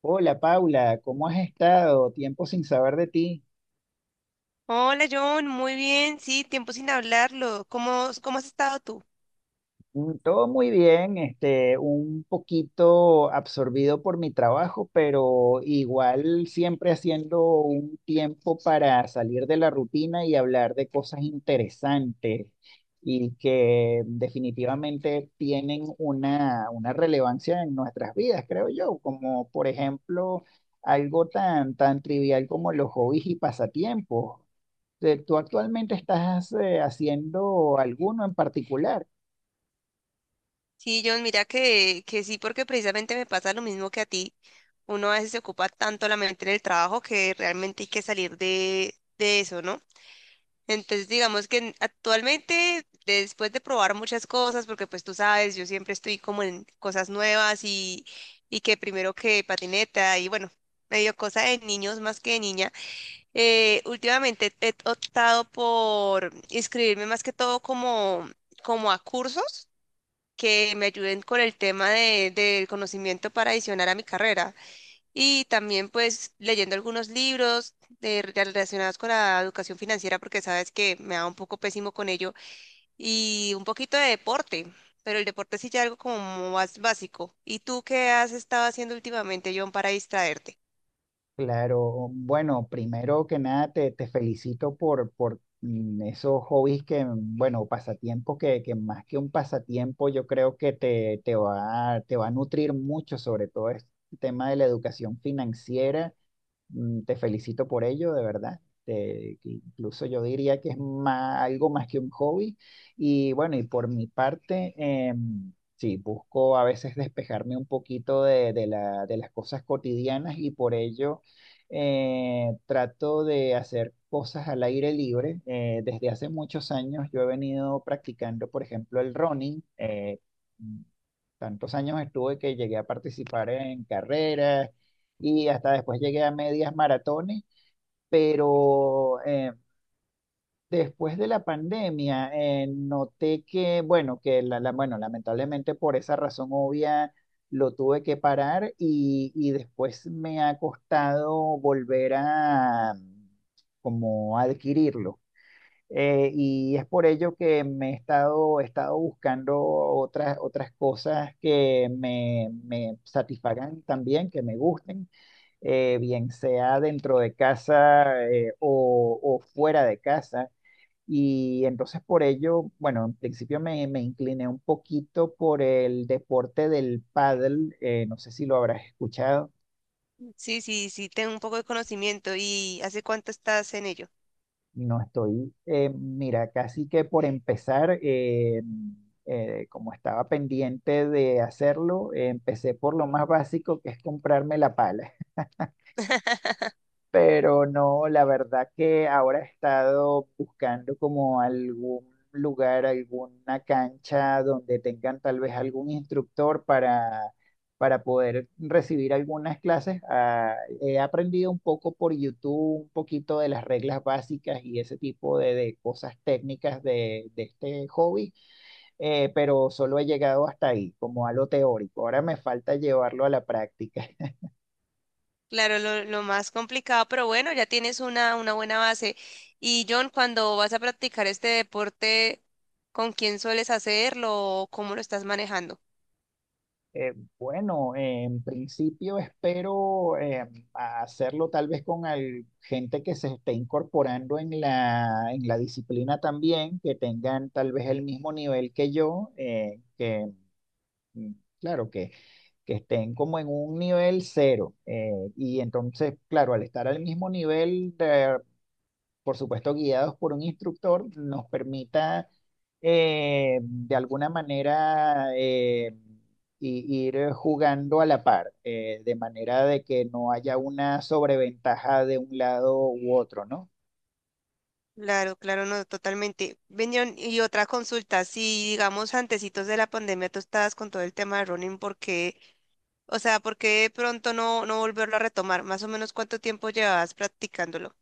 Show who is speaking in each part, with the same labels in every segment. Speaker 1: Hola Paula, ¿cómo has estado? Tiempo sin saber de ti.
Speaker 2: Hola John, muy bien, sí, tiempo sin hablarlo. ¿Cómo has estado tú?
Speaker 1: Todo muy bien, un poquito absorbido por mi trabajo, pero igual siempre haciendo un tiempo para salir de la rutina y hablar de cosas interesantes y que definitivamente tienen una relevancia en nuestras vidas, creo yo, como por ejemplo algo tan trivial como los hobbies y pasatiempos. ¿Tú actualmente estás haciendo alguno en particular?
Speaker 2: Sí, John, mira que sí, porque precisamente me pasa lo mismo que a ti. Uno a veces se ocupa tanto la mente en el trabajo que realmente hay que salir de eso, ¿no? Entonces, digamos que actualmente, después de probar muchas cosas, porque pues tú sabes, yo siempre estoy como en cosas nuevas y que primero que patineta y bueno, medio cosa de niños más que de niña. Últimamente he optado por inscribirme más que todo como a cursos que me ayuden con el tema del conocimiento para adicionar a mi carrera. Y también pues leyendo algunos libros relacionados con la educación financiera porque sabes que me da un poco pésimo con ello. Y un poquito de deporte, pero el deporte sí ya algo como más básico. ¿Y tú qué has estado haciendo últimamente, John, para distraerte?
Speaker 1: Claro, bueno, primero que nada te felicito por esos hobbies bueno, pasatiempos que más que un pasatiempo yo creo que te va a nutrir mucho, sobre todo el tema de la educación financiera. Te felicito por ello, de verdad. Que incluso yo diría que es algo más que un hobby. Y bueno, y por mi parte, sí, busco a veces despejarme un poquito de las cosas cotidianas y por ello trato de hacer cosas al aire libre. Desde hace muchos años yo he venido practicando, por ejemplo, el running. Mm, Tantos años estuve que llegué a participar en carreras y hasta después llegué a medias maratones, pero después de la pandemia noté que, bueno, bueno, lamentablemente por esa razón obvia lo tuve que parar y después me ha costado volver a como adquirirlo. Y es por ello que he estado buscando otras cosas que me satisfagan también, que me gusten bien sea dentro de casa o fuera de casa. Y entonces por ello, bueno, en principio me incliné un poquito por el deporte del pádel. No sé si lo habrás escuchado,
Speaker 2: Sí, sí, sí, tengo un poco de conocimiento. ¿Y hace cuánto estás en ello?
Speaker 1: no estoy, mira, casi que por empezar, como estaba pendiente de hacerlo, empecé por lo más básico que es comprarme la pala. Pero no, la verdad que ahora he estado buscando como algún lugar, alguna cancha donde tengan tal vez algún instructor para poder recibir algunas clases. He aprendido un poco por YouTube, un poquito de las reglas básicas y ese tipo de cosas técnicas de este hobby, pero solo he llegado hasta ahí, como a lo teórico. Ahora me falta llevarlo a la práctica.
Speaker 2: Claro, lo más complicado, pero bueno, ya tienes una buena base. Y John, cuando vas a practicar este deporte, ¿con quién sueles hacerlo o cómo lo estás manejando?
Speaker 1: Eh, bueno, en principio espero hacerlo tal vez con gente que se esté incorporando en en la disciplina también, que tengan tal vez el mismo nivel que yo, mm, claro, que estén como en un nivel cero. Y entonces, claro, al estar al mismo nivel, por supuesto guiados por un instructor, nos permita de alguna manera ir jugando a la par, de manera de que no haya una sobreventaja de un lado u otro, ¿no?
Speaker 2: Claro, claro, no, totalmente. Ven, John, y otra consulta, si digamos antecitos de la pandemia tú estabas con todo el tema de running, ¿por qué? O sea, ¿por qué de pronto no volverlo a retomar? ¿Más o menos cuánto tiempo llevabas practicándolo?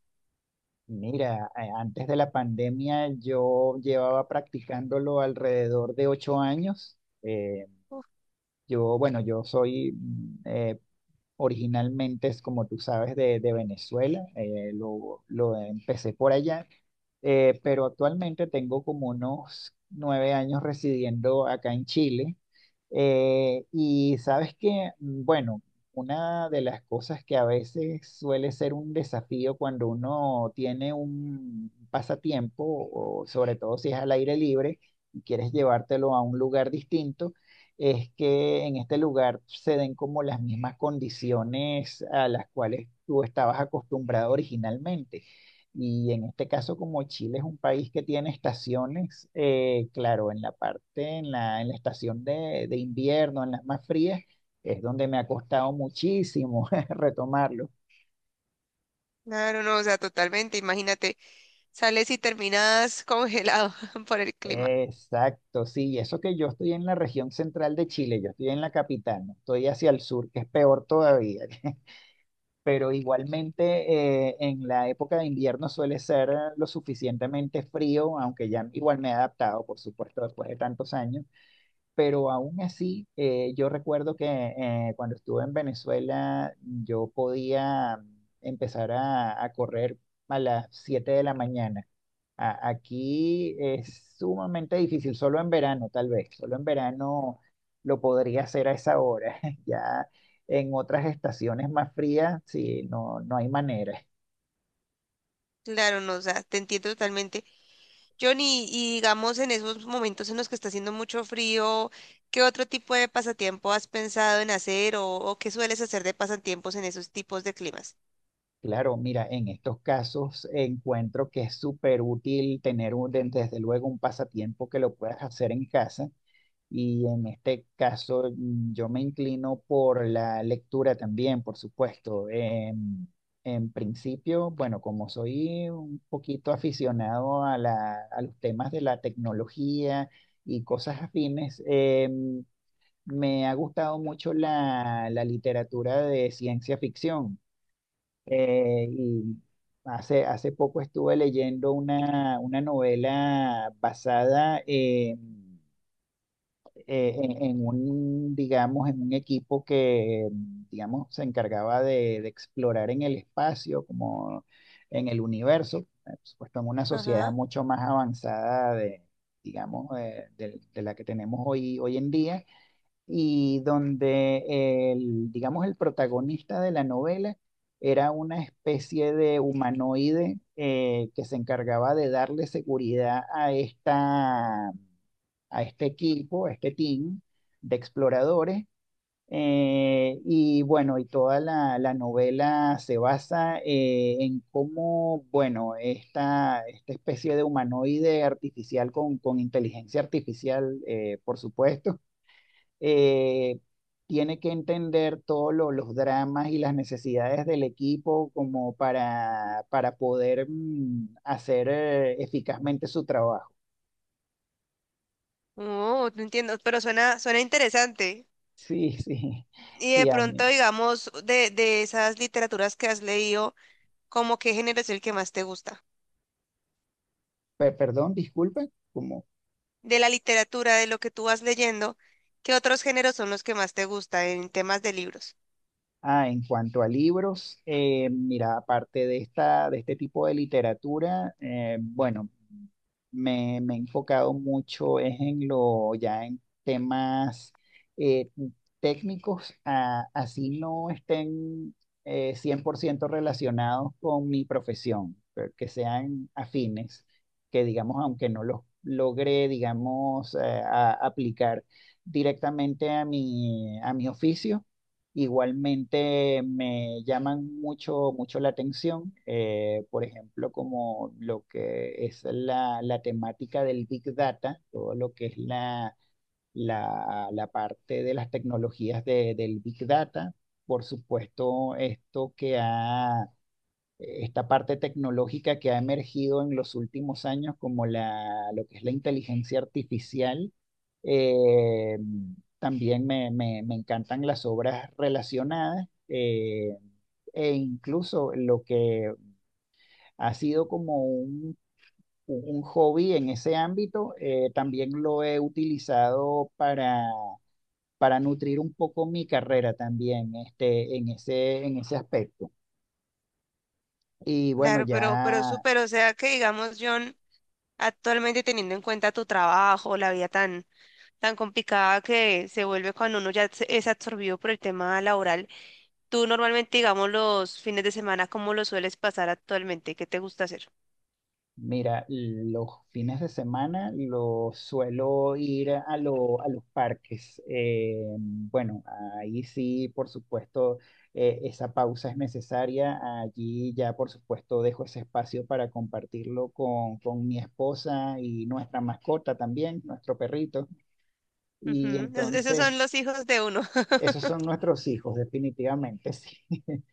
Speaker 1: Mira, antes de la pandemia yo llevaba practicándolo alrededor de 8 años.
Speaker 2: Uf.
Speaker 1: Yo soy originalmente, es como tú sabes, de Venezuela, lo empecé por allá, pero actualmente tengo como unos 9 años residiendo acá en Chile. Y sabes que, bueno, una de las cosas que a veces suele ser un desafío cuando uno tiene un pasatiempo, o sobre todo si es al aire libre y quieres llevártelo a un lugar distinto es que en este lugar se den como las mismas condiciones a las cuales tú estabas acostumbrado originalmente. Y en este caso, como Chile es un país que tiene estaciones, claro, en la parte, en la estación de invierno, en las más frías, es donde me ha costado muchísimo retomarlo.
Speaker 2: Claro, no, o sea, totalmente, imagínate. Sales y terminas congelado por el clima.
Speaker 1: Exacto, sí, y eso que yo estoy en la región central de Chile, yo estoy en la capital, no estoy hacia el sur, que es peor todavía. Pero igualmente en la época de invierno suele ser lo suficientemente frío, aunque ya igual me he adaptado, por supuesto, después de tantos años, pero aún así yo recuerdo que cuando estuve en Venezuela yo podía empezar a correr a las 7 de la mañana. Aquí es sumamente difícil, solo en verano tal vez, solo en verano lo podría hacer a esa hora. Ya en otras estaciones más frías, sí, no, no hay manera.
Speaker 2: Claro, no, o sea, te entiendo totalmente. Johnny, y digamos en esos momentos en los que está haciendo mucho frío, ¿qué otro tipo de pasatiempo has pensado en hacer o qué sueles hacer de pasatiempos en esos tipos de climas?
Speaker 1: Claro, mira, en estos casos encuentro que es súper útil tener desde luego un pasatiempo que lo puedas hacer en casa. Y en este caso yo me inclino por la lectura también, por supuesto. En principio, bueno, como soy un poquito aficionado a a los temas de la tecnología y cosas afines, me ha gustado mucho la literatura de ciencia ficción. Y hace, hace poco estuve leyendo una novela basada en en un, digamos, en un equipo que, digamos, se encargaba de explorar en el espacio, como en el universo, por supuesto, en una sociedad
Speaker 2: Ajá.
Speaker 1: mucho más avanzada de la que tenemos hoy, hoy en día, y donde el, digamos, el protagonista de la novela era una especie de humanoide que se encargaba de darle seguridad a esta a este equipo, a este team de exploradores. Y bueno, y toda la novela se basa en cómo, bueno, esta especie de humanoide artificial con inteligencia artificial, por supuesto, eh, tiene que entender todos los dramas y las necesidades del equipo como para poder hacer eficazmente su trabajo.
Speaker 2: Oh, no entiendo, pero suena interesante.
Speaker 1: Sí, sí,
Speaker 2: Y de
Speaker 1: sí, a
Speaker 2: pronto,
Speaker 1: mí.
Speaker 2: digamos, de esas literaturas que has leído, ¿cómo qué género es el que más te gusta?
Speaker 1: Perdón, disculpe, como,
Speaker 2: De la literatura, de lo que tú vas leyendo, ¿qué otros géneros son los que más te gustan en temas de libros?
Speaker 1: ah, en cuanto a libros, mira, aparte de esta, de este tipo de literatura, bueno, me he enfocado mucho es en lo, ya en temas eh, técnicos, así no estén 100% relacionados con mi profesión, pero que sean afines, que digamos, aunque no los logre, digamos, aplicar directamente a a mi oficio. Igualmente me llaman mucho la atención, por ejemplo, como lo que es la temática del Big Data, todo lo que es la parte de las tecnologías del Big Data. Por supuesto, esta parte tecnológica que ha emergido en los últimos años como lo que es la inteligencia artificial. Eh, También me encantan las obras relacionadas e incluso lo que ha sido como un hobby en ese ámbito, también lo he utilizado para nutrir un poco mi carrera también este, en ese aspecto. Y bueno,
Speaker 2: Claro, pero
Speaker 1: ya
Speaker 2: súper, o sea que digamos, John, actualmente teniendo en cuenta tu trabajo, la vida tan, tan complicada que se vuelve cuando uno ya es absorbido por el tema laboral, tú normalmente, digamos, los fines de semana, ¿cómo lo sueles pasar actualmente? ¿Qué te gusta hacer?
Speaker 1: mira, los fines de semana los suelo ir a los parques. Bueno, ahí sí, por supuesto, esa pausa es necesaria. Allí ya, por supuesto, dejo ese espacio para compartirlo con mi esposa y nuestra mascota también, nuestro perrito. Y
Speaker 2: Ujú, esos son
Speaker 1: entonces...
Speaker 2: los hijos de uno.
Speaker 1: Esos son nuestros hijos, definitivamente, sí.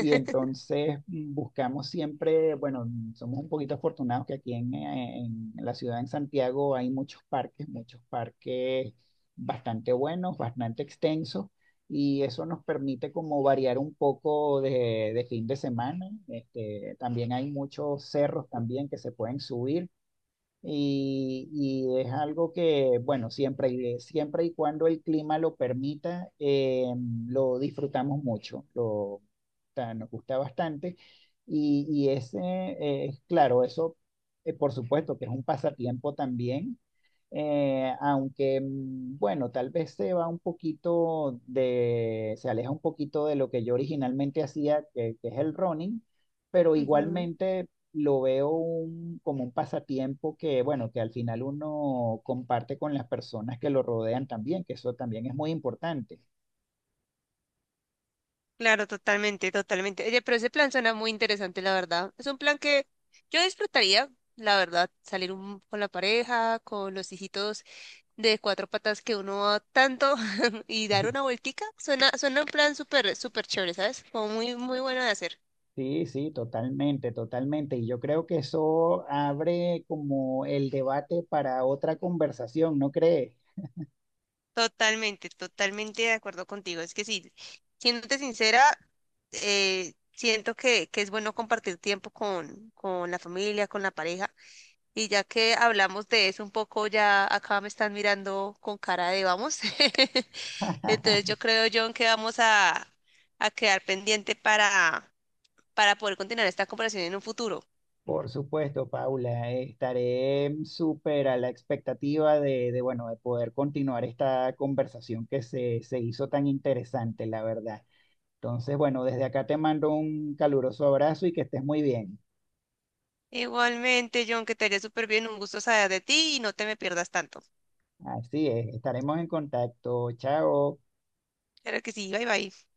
Speaker 1: Y entonces buscamos siempre, bueno, somos un poquito afortunados que aquí en la ciudad, en Santiago, hay muchos parques bastante buenos, bastante extensos, y eso nos permite como variar un poco de fin de semana. Este, también hay muchos cerros también que se pueden subir. Y es algo que, bueno, siempre y cuando el clima lo permita, lo disfrutamos mucho, lo, o sea, nos gusta bastante. Y, y ese, eh, claro, eso, por supuesto que es un pasatiempo también, aunque, bueno, tal vez se aleja un poquito de lo que yo originalmente hacía, que es el running, pero
Speaker 2: Ujú.
Speaker 1: igualmente lo veo como un pasatiempo que, bueno, que al final uno comparte con las personas que lo rodean también, que eso también es muy importante.
Speaker 2: Claro, totalmente, totalmente. Oye, pero ese plan suena muy interesante, la verdad. Es un plan que yo disfrutaría, la verdad, salir con la pareja, con los hijitos de cuatro patas que uno va tanto y dar una vueltica. Suena un plan súper, súper chévere, ¿sabes? Como muy, muy bueno de hacer.
Speaker 1: Sí, sí, totalmente, totalmente. Y yo creo que eso abre como el debate para otra conversación, ¿no crees?
Speaker 2: Totalmente, totalmente de acuerdo contigo. Es que sí, siéndote sincera, siento que es bueno compartir tiempo con la familia, con la pareja. Y ya que hablamos de eso un poco, ya acá me están mirando con cara de vamos. Entonces yo creo, John, que vamos a quedar pendiente para poder continuar esta conversación en un futuro.
Speaker 1: Por supuesto, Paula, estaré súper a la expectativa bueno, de poder continuar esta conversación que se hizo tan interesante, la verdad. Entonces, bueno, desde acá te mando un caluroso abrazo y que estés muy bien.
Speaker 2: Igualmente, John, que te haría súper bien, un gusto saber de ti y no te me pierdas tanto.
Speaker 1: Así es, estaremos en contacto. Chao.
Speaker 2: Claro que sí, bye bye.